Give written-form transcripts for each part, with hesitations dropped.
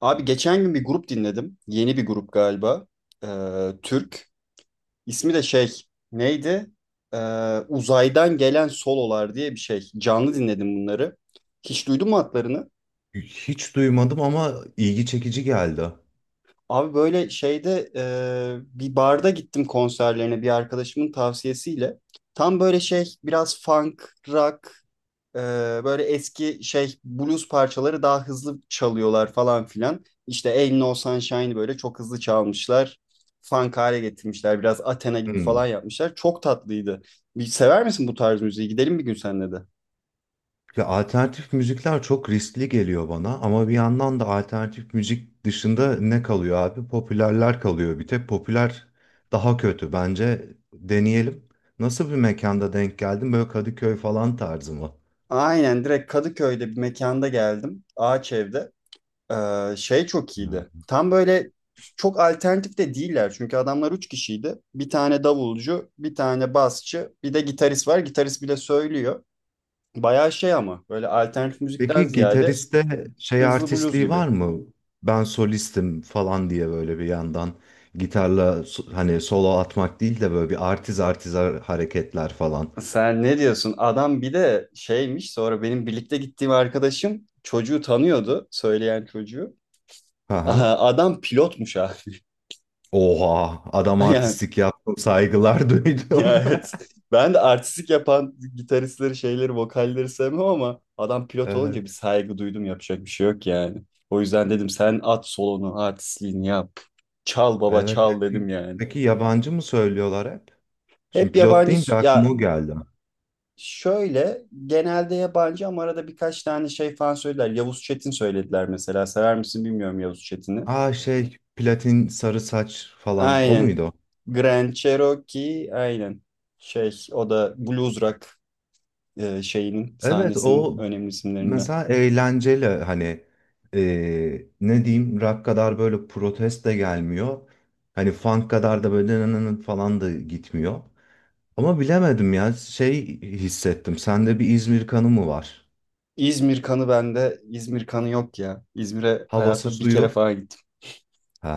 Abi geçen gün bir grup dinledim. Yeni bir grup galiba. Ee, Türk. İsmi de şey neydi? Uzaydan Gelen Sololar diye bir şey. Canlı dinledim bunları. Hiç duydun mu adlarını? Hiç duymadım ama ilgi çekici geldi. Abi böyle şeyde bir barda gittim konserlerine bir arkadaşımın tavsiyesiyle. Tam böyle şey biraz funk, rock. Ee, böyle eski şey blues parçaları daha hızlı çalıyorlar falan filan. İşte Ain't No Sunshine'ı böyle çok hızlı çalmışlar. Funk hale getirmişler. Biraz Athena gibi falan Hmm. yapmışlar. Çok tatlıydı. Bir sever misin bu tarz müziği? Gidelim bir gün seninle de. Ya alternatif müzikler çok riskli geliyor bana ama bir yandan da alternatif müzik dışında ne kalıyor abi? Popülerler kalıyor. Bir tek popüler daha kötü. Bence deneyelim. Nasıl bir mekanda denk geldin? Böyle Kadıköy falan tarzı mı? Aynen, direkt Kadıköy'de bir mekanda geldim. Ağaç evde. Şey çok iyiydi. Hmm. Tam böyle çok alternatif de değiller. Çünkü adamlar üç kişiydi. Bir tane davulcu, bir tane basçı, bir de gitarist var. Gitarist bile söylüyor. Bayağı şey ama böyle alternatif müzikten Peki ziyade gitariste şey hızlı blues artistliği gibi. var mı? Ben solistim falan diye böyle bir yandan gitarla hani solo atmak değil de böyle bir artiz artiz hareketler falan. Sen ne diyorsun? Adam bir de şeymiş, sonra benim birlikte gittiğim arkadaşım çocuğu tanıyordu. Söyleyen çocuğu. Aha. Aha, adam pilotmuş ha. Oha, adam Yani, artistlik yaptım, saygılar ya duydum. evet. Ben de artistik yapan gitaristleri, şeyleri, vokalleri sevmem ama adam pilot olunca bir Evet, saygı duydum. Yapacak bir şey yok yani. O yüzden dedim sen at solonu, artistliğini yap. Çal baba evet. çal Hep. dedim yani. Peki yabancı mı söylüyorlar hep? Şimdi Hep pilot yabancı deyince aklıma ya. o geldi. Şöyle, genelde yabancı ama arada birkaç tane şey falan söylediler. Yavuz Çetin söylediler mesela. Sever misin bilmiyorum Yavuz Çetin'i. Aa şey, platin sarı saç falan, o Aynen. muydu? Grand Cherokee, aynen. Şey, o da blues rock şeyinin Evet, sahnesinin o önemli isimlerinden. mesela eğlenceli hani, ne diyeyim, rock kadar böyle protest de gelmiyor. Hani funk kadar da böyle nı nı nı falan da gitmiyor. Ama bilemedim ya, şey hissettim. Sende bir İzmir kanı mı var? İzmir kanı bende. İzmir kanı yok ya. İzmir'e Havası hayatta bir kere suyu. falan gittim.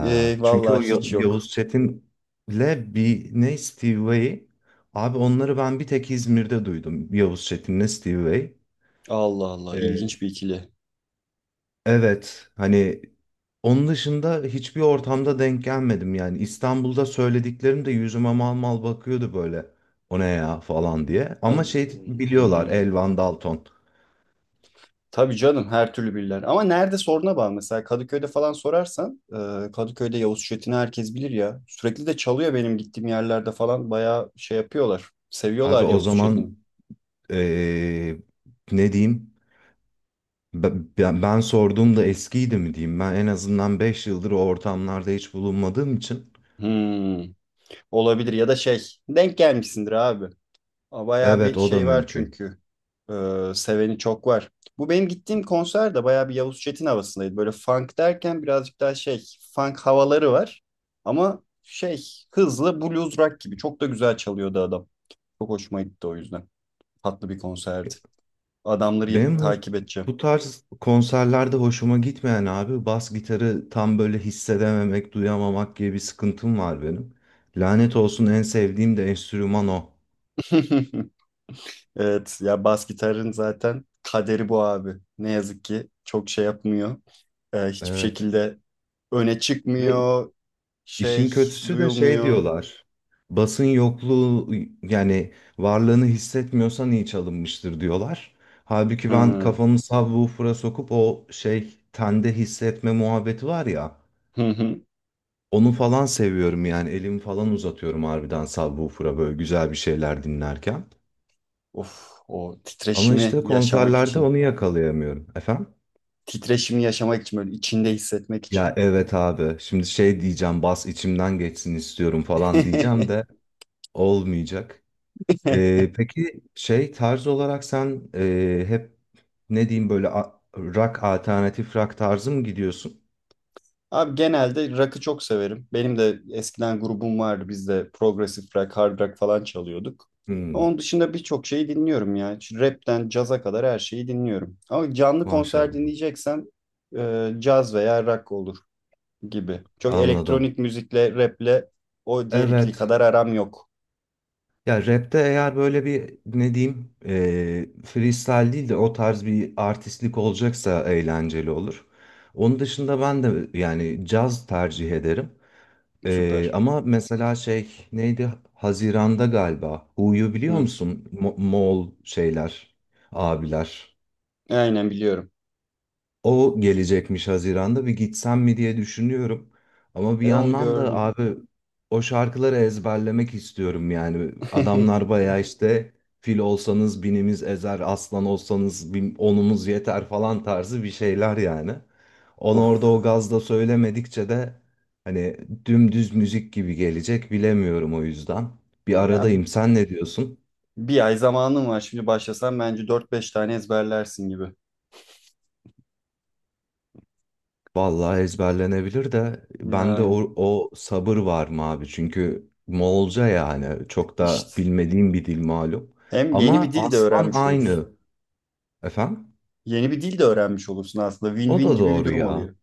E, çünkü o vallahi hiç yok. Yavuz Çetin'le bir ne Steve Vai. Abi onları ben bir tek İzmir'de duydum. Yavuz Çetin'le Steve Vai. Allah Allah, Ee, ilginç bir ikili. evet, hani onun dışında hiçbir ortamda denk gelmedim yani. İstanbul'da söylediklerim de yüzüme mal mal bakıyordu böyle. O ne ya falan diye. Ama şey An- biliyorlar Hmm. Elvan Dalton. Tabii canım, her türlü bilirler. Ama nerede, soruna bağlı. Mesela Kadıköy'de falan sorarsan Kadıköy'de Yavuz Çetin'i herkes bilir ya. Sürekli de çalıyor benim gittiğim yerlerde falan. Bayağı şey yapıyorlar. Abi Seviyorlar o Yavuz Çetin'i. zaman ee, ne diyeyim? Ben sorduğumda eskiydi mi diyeyim? Ben en azından 5 yıldır o ortamlarda hiç bulunmadığım için. Hmm, olabilir ya da şey denk gelmişsindir abi. Aa, bayağı Evet bir o da şey var mümkün. çünkü. Seveni çok var. Bu benim gittiğim konser de bayağı bir Yavuz Çetin havasındaydı. Böyle funk derken birazcık daha şey, funk havaları var. Ama şey, hızlı blues rock gibi. Çok da güzel çalıyordu adam. Çok hoşuma gitti o yüzden. Tatlı bir konserdi. Adamları Benim hoş- takip edeceğim. bu tarz konserlerde hoşuma gitmeyen abi bas gitarı tam böyle hissedememek, duyamamak gibi bir sıkıntım var benim. Lanet olsun en sevdiğim de enstrüman o. Evet, ya bas gitarın zaten kaderi bu abi. Ne yazık ki çok şey yapmıyor. Hiçbir Evet. şekilde öne Ve çıkmıyor, şey İşin kötüsü de şey duyulmuyor. diyorlar. Basın yokluğu yani varlığını hissetmiyorsan iyi çalınmıştır diyorlar. Halbuki ben Hı kafamı subwoofer'a sokup o şey tende hissetme muhabbeti var ya. hı. Hı. Onu falan seviyorum yani elimi falan uzatıyorum harbiden subwoofer'a böyle güzel bir şeyler dinlerken. Of, o Ama titreşimi işte yaşamak konserlerde için. onu yakalayamıyorum. Efendim? Titreşimi yaşamak için, böyle içinde hissetmek Ya için. evet abi şimdi şey diyeceğim bas içimden geçsin istiyorum falan diyeceğim de olmayacak. Peki şey tarz olarak sen, hep ne diyeyim böyle, rock alternatif rock tarzı mı gidiyorsun? Abi genelde rock'ı çok severim. Benim de eskiden grubum vardı. Biz de progressive rock, hard rock falan çalıyorduk. Hmm, Onun dışında birçok şeyi dinliyorum ya. Şu Rap'ten caza kadar her şeyi dinliyorum. Ama canlı konser maşallah. dinleyeceksem caz veya rock olur gibi. Çok Anladım. elektronik müzikle, rap'le o diğer ikili Evet. kadar aram yok. Ya rapte eğer böyle bir ne diyeyim, freestyle değil de o tarz bir artistlik olacaksa eğlenceli olur. Onun dışında ben de yani caz tercih ederim. Ee, Süper. ama mesela şey neydi? Haziran'da galiba. Hu'yu biliyor Hı, musun? Moğol şeyler, abiler. aynen biliyorum. O gelecekmiş Haziran'da bir gitsem mi diye düşünüyorum. Ama bir E, onu yandan da gördüm. abi o şarkıları ezberlemek istiyorum yani. Adamlar bayağı işte fil olsanız binimiz ezer, aslan olsanız bin, onumuz yeter falan tarzı bir şeyler yani. Onu Of. orada o gazda söylemedikçe de hani dümdüz müzik gibi gelecek bilemiyorum o yüzden. Bir Ya, aradayım. Sen ne diyorsun? bir ay zamanım var. Şimdi başlasam bence dört beş tane ezberlersin gibi. Vallahi ezberlenebilir de bende Yani o sabır var mı abi? Çünkü Moğolca yani çok da işte. bilmediğim bir dil malum. Hem yeni bir Ama dil de aslan öğrenmiş olursun. aynı. Efendim? Yeni bir dil de öğrenmiş olursun aslında. O Win-win da gibi bir doğru durum ya. oluyor.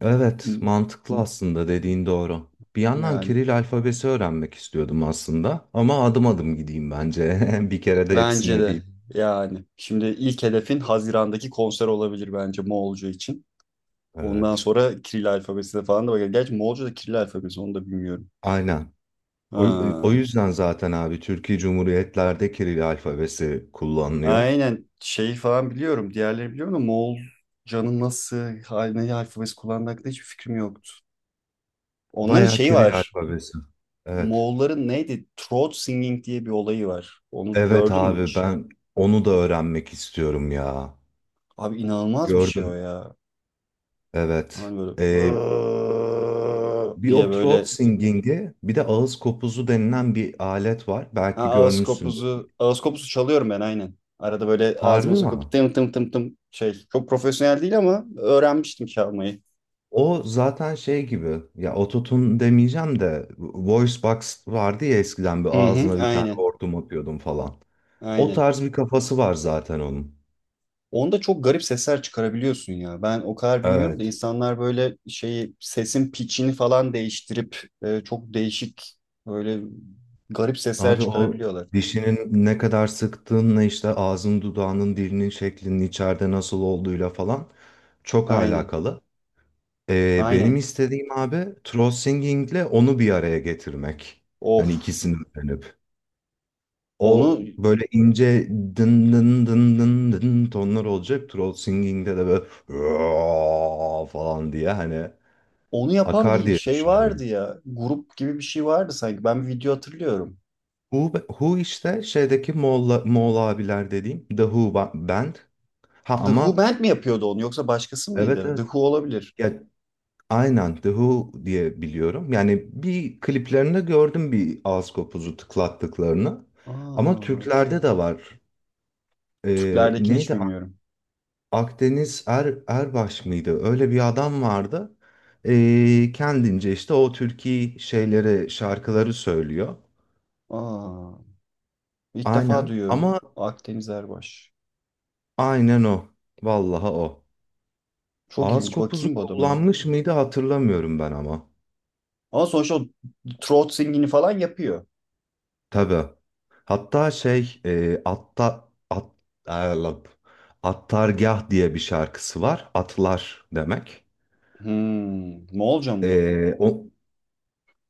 Evet, mantıklı aslında dediğin doğru. Bir yandan Yani, Kiril alfabesi öğrenmek istiyordum aslında ama adım adım gideyim bence. Bir kere de bence hepsine de değil. yani. Şimdi ilk hedefin Haziran'daki konser olabilir bence Moğolca için. Ondan Evet. sonra Kiril alfabesine falan da bakar. Gerçi Moğolca da Kiril alfabesi, onu da bilmiyorum. Aynen. O, o Ha. yüzden zaten abi Türkiye Cumhuriyetlerde Kiril alfabesi kullanılıyor. Aynen, şeyi falan biliyorum. Diğerleri biliyorum da Moğolcanın nasıl haline alfabesi kullandığı hakkında hiçbir fikrim yoktu. Onların Bayağı şeyi Kiril var. alfabesi. Evet. Moğolların neydi? Throat singing diye bir olayı var. Onu Evet gördün mü abi hiç? ben onu da öğrenmek istiyorum ya. Abi inanılmaz bir şey o Gördüm. ya. Evet. Hani böyle Ee, "Aaa" Bir diye o throat böyle, singing'i bir de ağız kopuzu denilen bir alet var. ha, Belki ağız görmüşsündür. kopuzu ağız kopuzu çalıyorum ben aynen. Arada böyle Harbi ağzıma mi? sokup tım tım tım tım şey. Çok profesyonel değil ama öğrenmiştim çalmayı. O zaten şey gibi ya ototun demeyeceğim de voice box vardı ya eskiden bir Hı hı, ağzına bir tane aynen. hortum atıyordum falan. O Aynen. tarz bir kafası var zaten onun. Onda çok garip sesler çıkarabiliyorsun ya. Ben o kadar bilmiyorum da Evet. insanlar böyle şeyi sesin pitch'ini falan değiştirip çok değişik böyle garip sesler Abi o çıkarabiliyorlar. dişinin ne kadar sıktığınla işte ağzın dudağının dilinin şeklinin içeride nasıl olduğuyla falan çok Aynen. alakalı. Benim Aynen. istediğim abi throat singing'le onu bir araya getirmek. Hani Of. ikisini öğrenip. O Onu böyle ince dın dın dın dın dın tonlar olacak. Throat singing'de de böyle "Aa" falan diye hani onu yapan akar bir diye şey vardı düşünüyorum. ya. Grup gibi bir şey vardı sanki. Ben bir video hatırlıyorum. Who, Who işte şeydeki Moğol, Moğol abiler dediğim The Who Band. Ha The Who ama Band mi yapıyordu onu, yoksa başkası evet mıydı? The evet. Who olabilir. Ya, aynen The Who diye biliyorum. Yani bir kliplerinde gördüm bir ağız kopuzu tıklattıklarını. Ama Aa, okey. Türklerde de var. Ee, Türklerdekini hiç neydi? Bilmiyorum. Akdeniz Erbaş mıydı? Öyle bir adam vardı. Kendince işte o türkü şeyleri, şarkıları söylüyor. Aa, ilk defa Aynen duyuyorum. ama Akdeniz Erbaş. aynen o. Vallahi o. Çok Ağız ilginç. kopuzu Bakayım bu adama ya. kullanmış mıydı hatırlamıyorum ben ama. Ama sonuçta o throat singini falan yapıyor. Tabii. Hatta şey, Allah'ım. Attargah diye bir şarkısı var. Atlar demek. Hmm, ne olacağım bu? O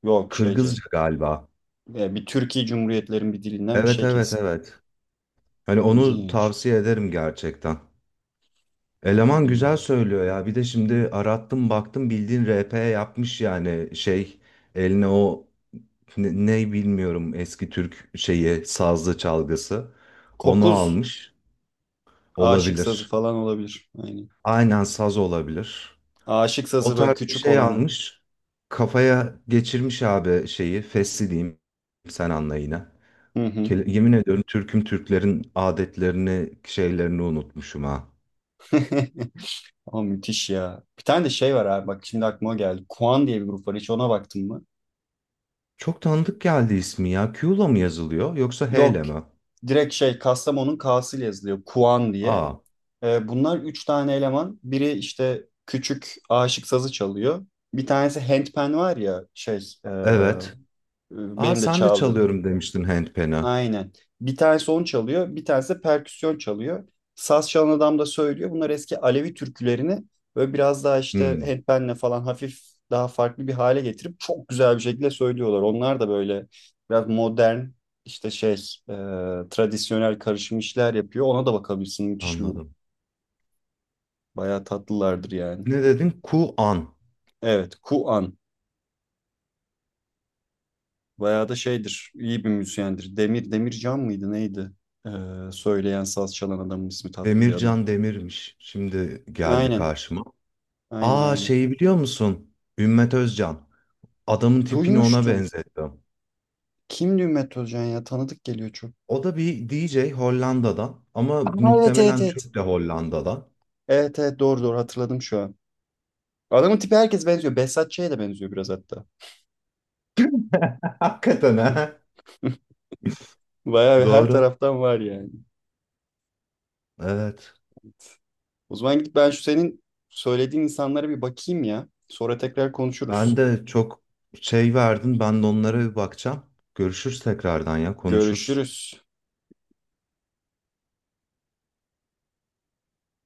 Yok şeyce. Kırgızca galiba. E, bir Türkiye Cumhuriyetlerin bir dilinden bir Evet şey evet kesin. evet. Hani onu İlginç. tavsiye ederim gerçekten. Eleman güzel Hmm. söylüyor ya. Bir de şimdi arattım baktım bildiğin RP yapmış yani şey eline o ne bilmiyorum eski Türk şeyi sazlı çalgısı. Onu Kopuz almış aşık sazı olabilir. falan olabilir. Aynen. Aynen saz olabilir. Aşık O sazı böyle tarz bir küçük şey olanı. almış. Kafaya geçirmiş abi şeyi fesli diyeyim sen anla yine. Hı hı. Yemin ediyorum Türk'üm Türklerin adetlerini şeylerini unutmuşum ha. Ama müthiş ya. Bir tane de şey var abi, bak şimdi aklıma geldi. Kuan diye bir grup var. Hiç ona baktın mı? Çok tanıdık geldi ismi ya. Q'la mı yazılıyor yoksa H Yok. ile mi? Direkt şey, Kastamonu'nun K'sıyla yazılıyor. Kuan diye. A. Bunlar üç tane eleman. Biri işte küçük aşık sazı çalıyor. Bir tanesi handpan var ya şey e, Evet. A benim de sen de çaldığım. çalıyorum demiştin handpan'a. Aynen. Bir tanesi onu çalıyor. Bir tanesi de perküsyon çalıyor. Saz çalan adam da söylüyor. Bunlar eski Alevi türkülerini böyle biraz daha işte Hmm, handpanle falan hafif daha farklı bir hale getirip çok güzel bir şekilde söylüyorlar. Onlar da böyle biraz modern, işte şey, e, tradisyonel karışım işler yapıyor. Ona da bakabilirsin. Müthiş bir grup. anladım. Bayağı tatlılardır yani. Ne dedin? Kuan. Evet, Kuan. Bayağı da şeydir, iyi bir müzisyendir. Demir, Demircan mıydı neydi? Ee, söyleyen, saz çalan adamın ismi, tatlı bir adam. Demircan Demir'miş. Şimdi geldi Aynen, karşıma. aynen, Aa aynen. şeyi biliyor musun? Ümmet Özcan. Adamın tipini ona Duymuştum. benzettim. Kimdi Ümmet Özcan ya? Tanıdık geliyor çok. O da bir DJ Hollanda'dan ama Aa, evet, evet, muhtemelen evet. Türk de Hollanda'dan. Evet, evet, doğru doğru hatırladım şu an. Adamın tipi herkes benziyor. Behzat Ç'ye de benziyor biraz hatta. Hakikaten ha. Bayağı bir, her Doğru. taraftan var yani. Evet. O zaman gidip ben şu senin söylediğin insanlara bir bakayım ya. Sonra tekrar Ben konuşuruz. de çok şey verdin. Ben de onlara bir bakacağım. Görüşürüz tekrardan ya konuşuruz. Görüşürüz.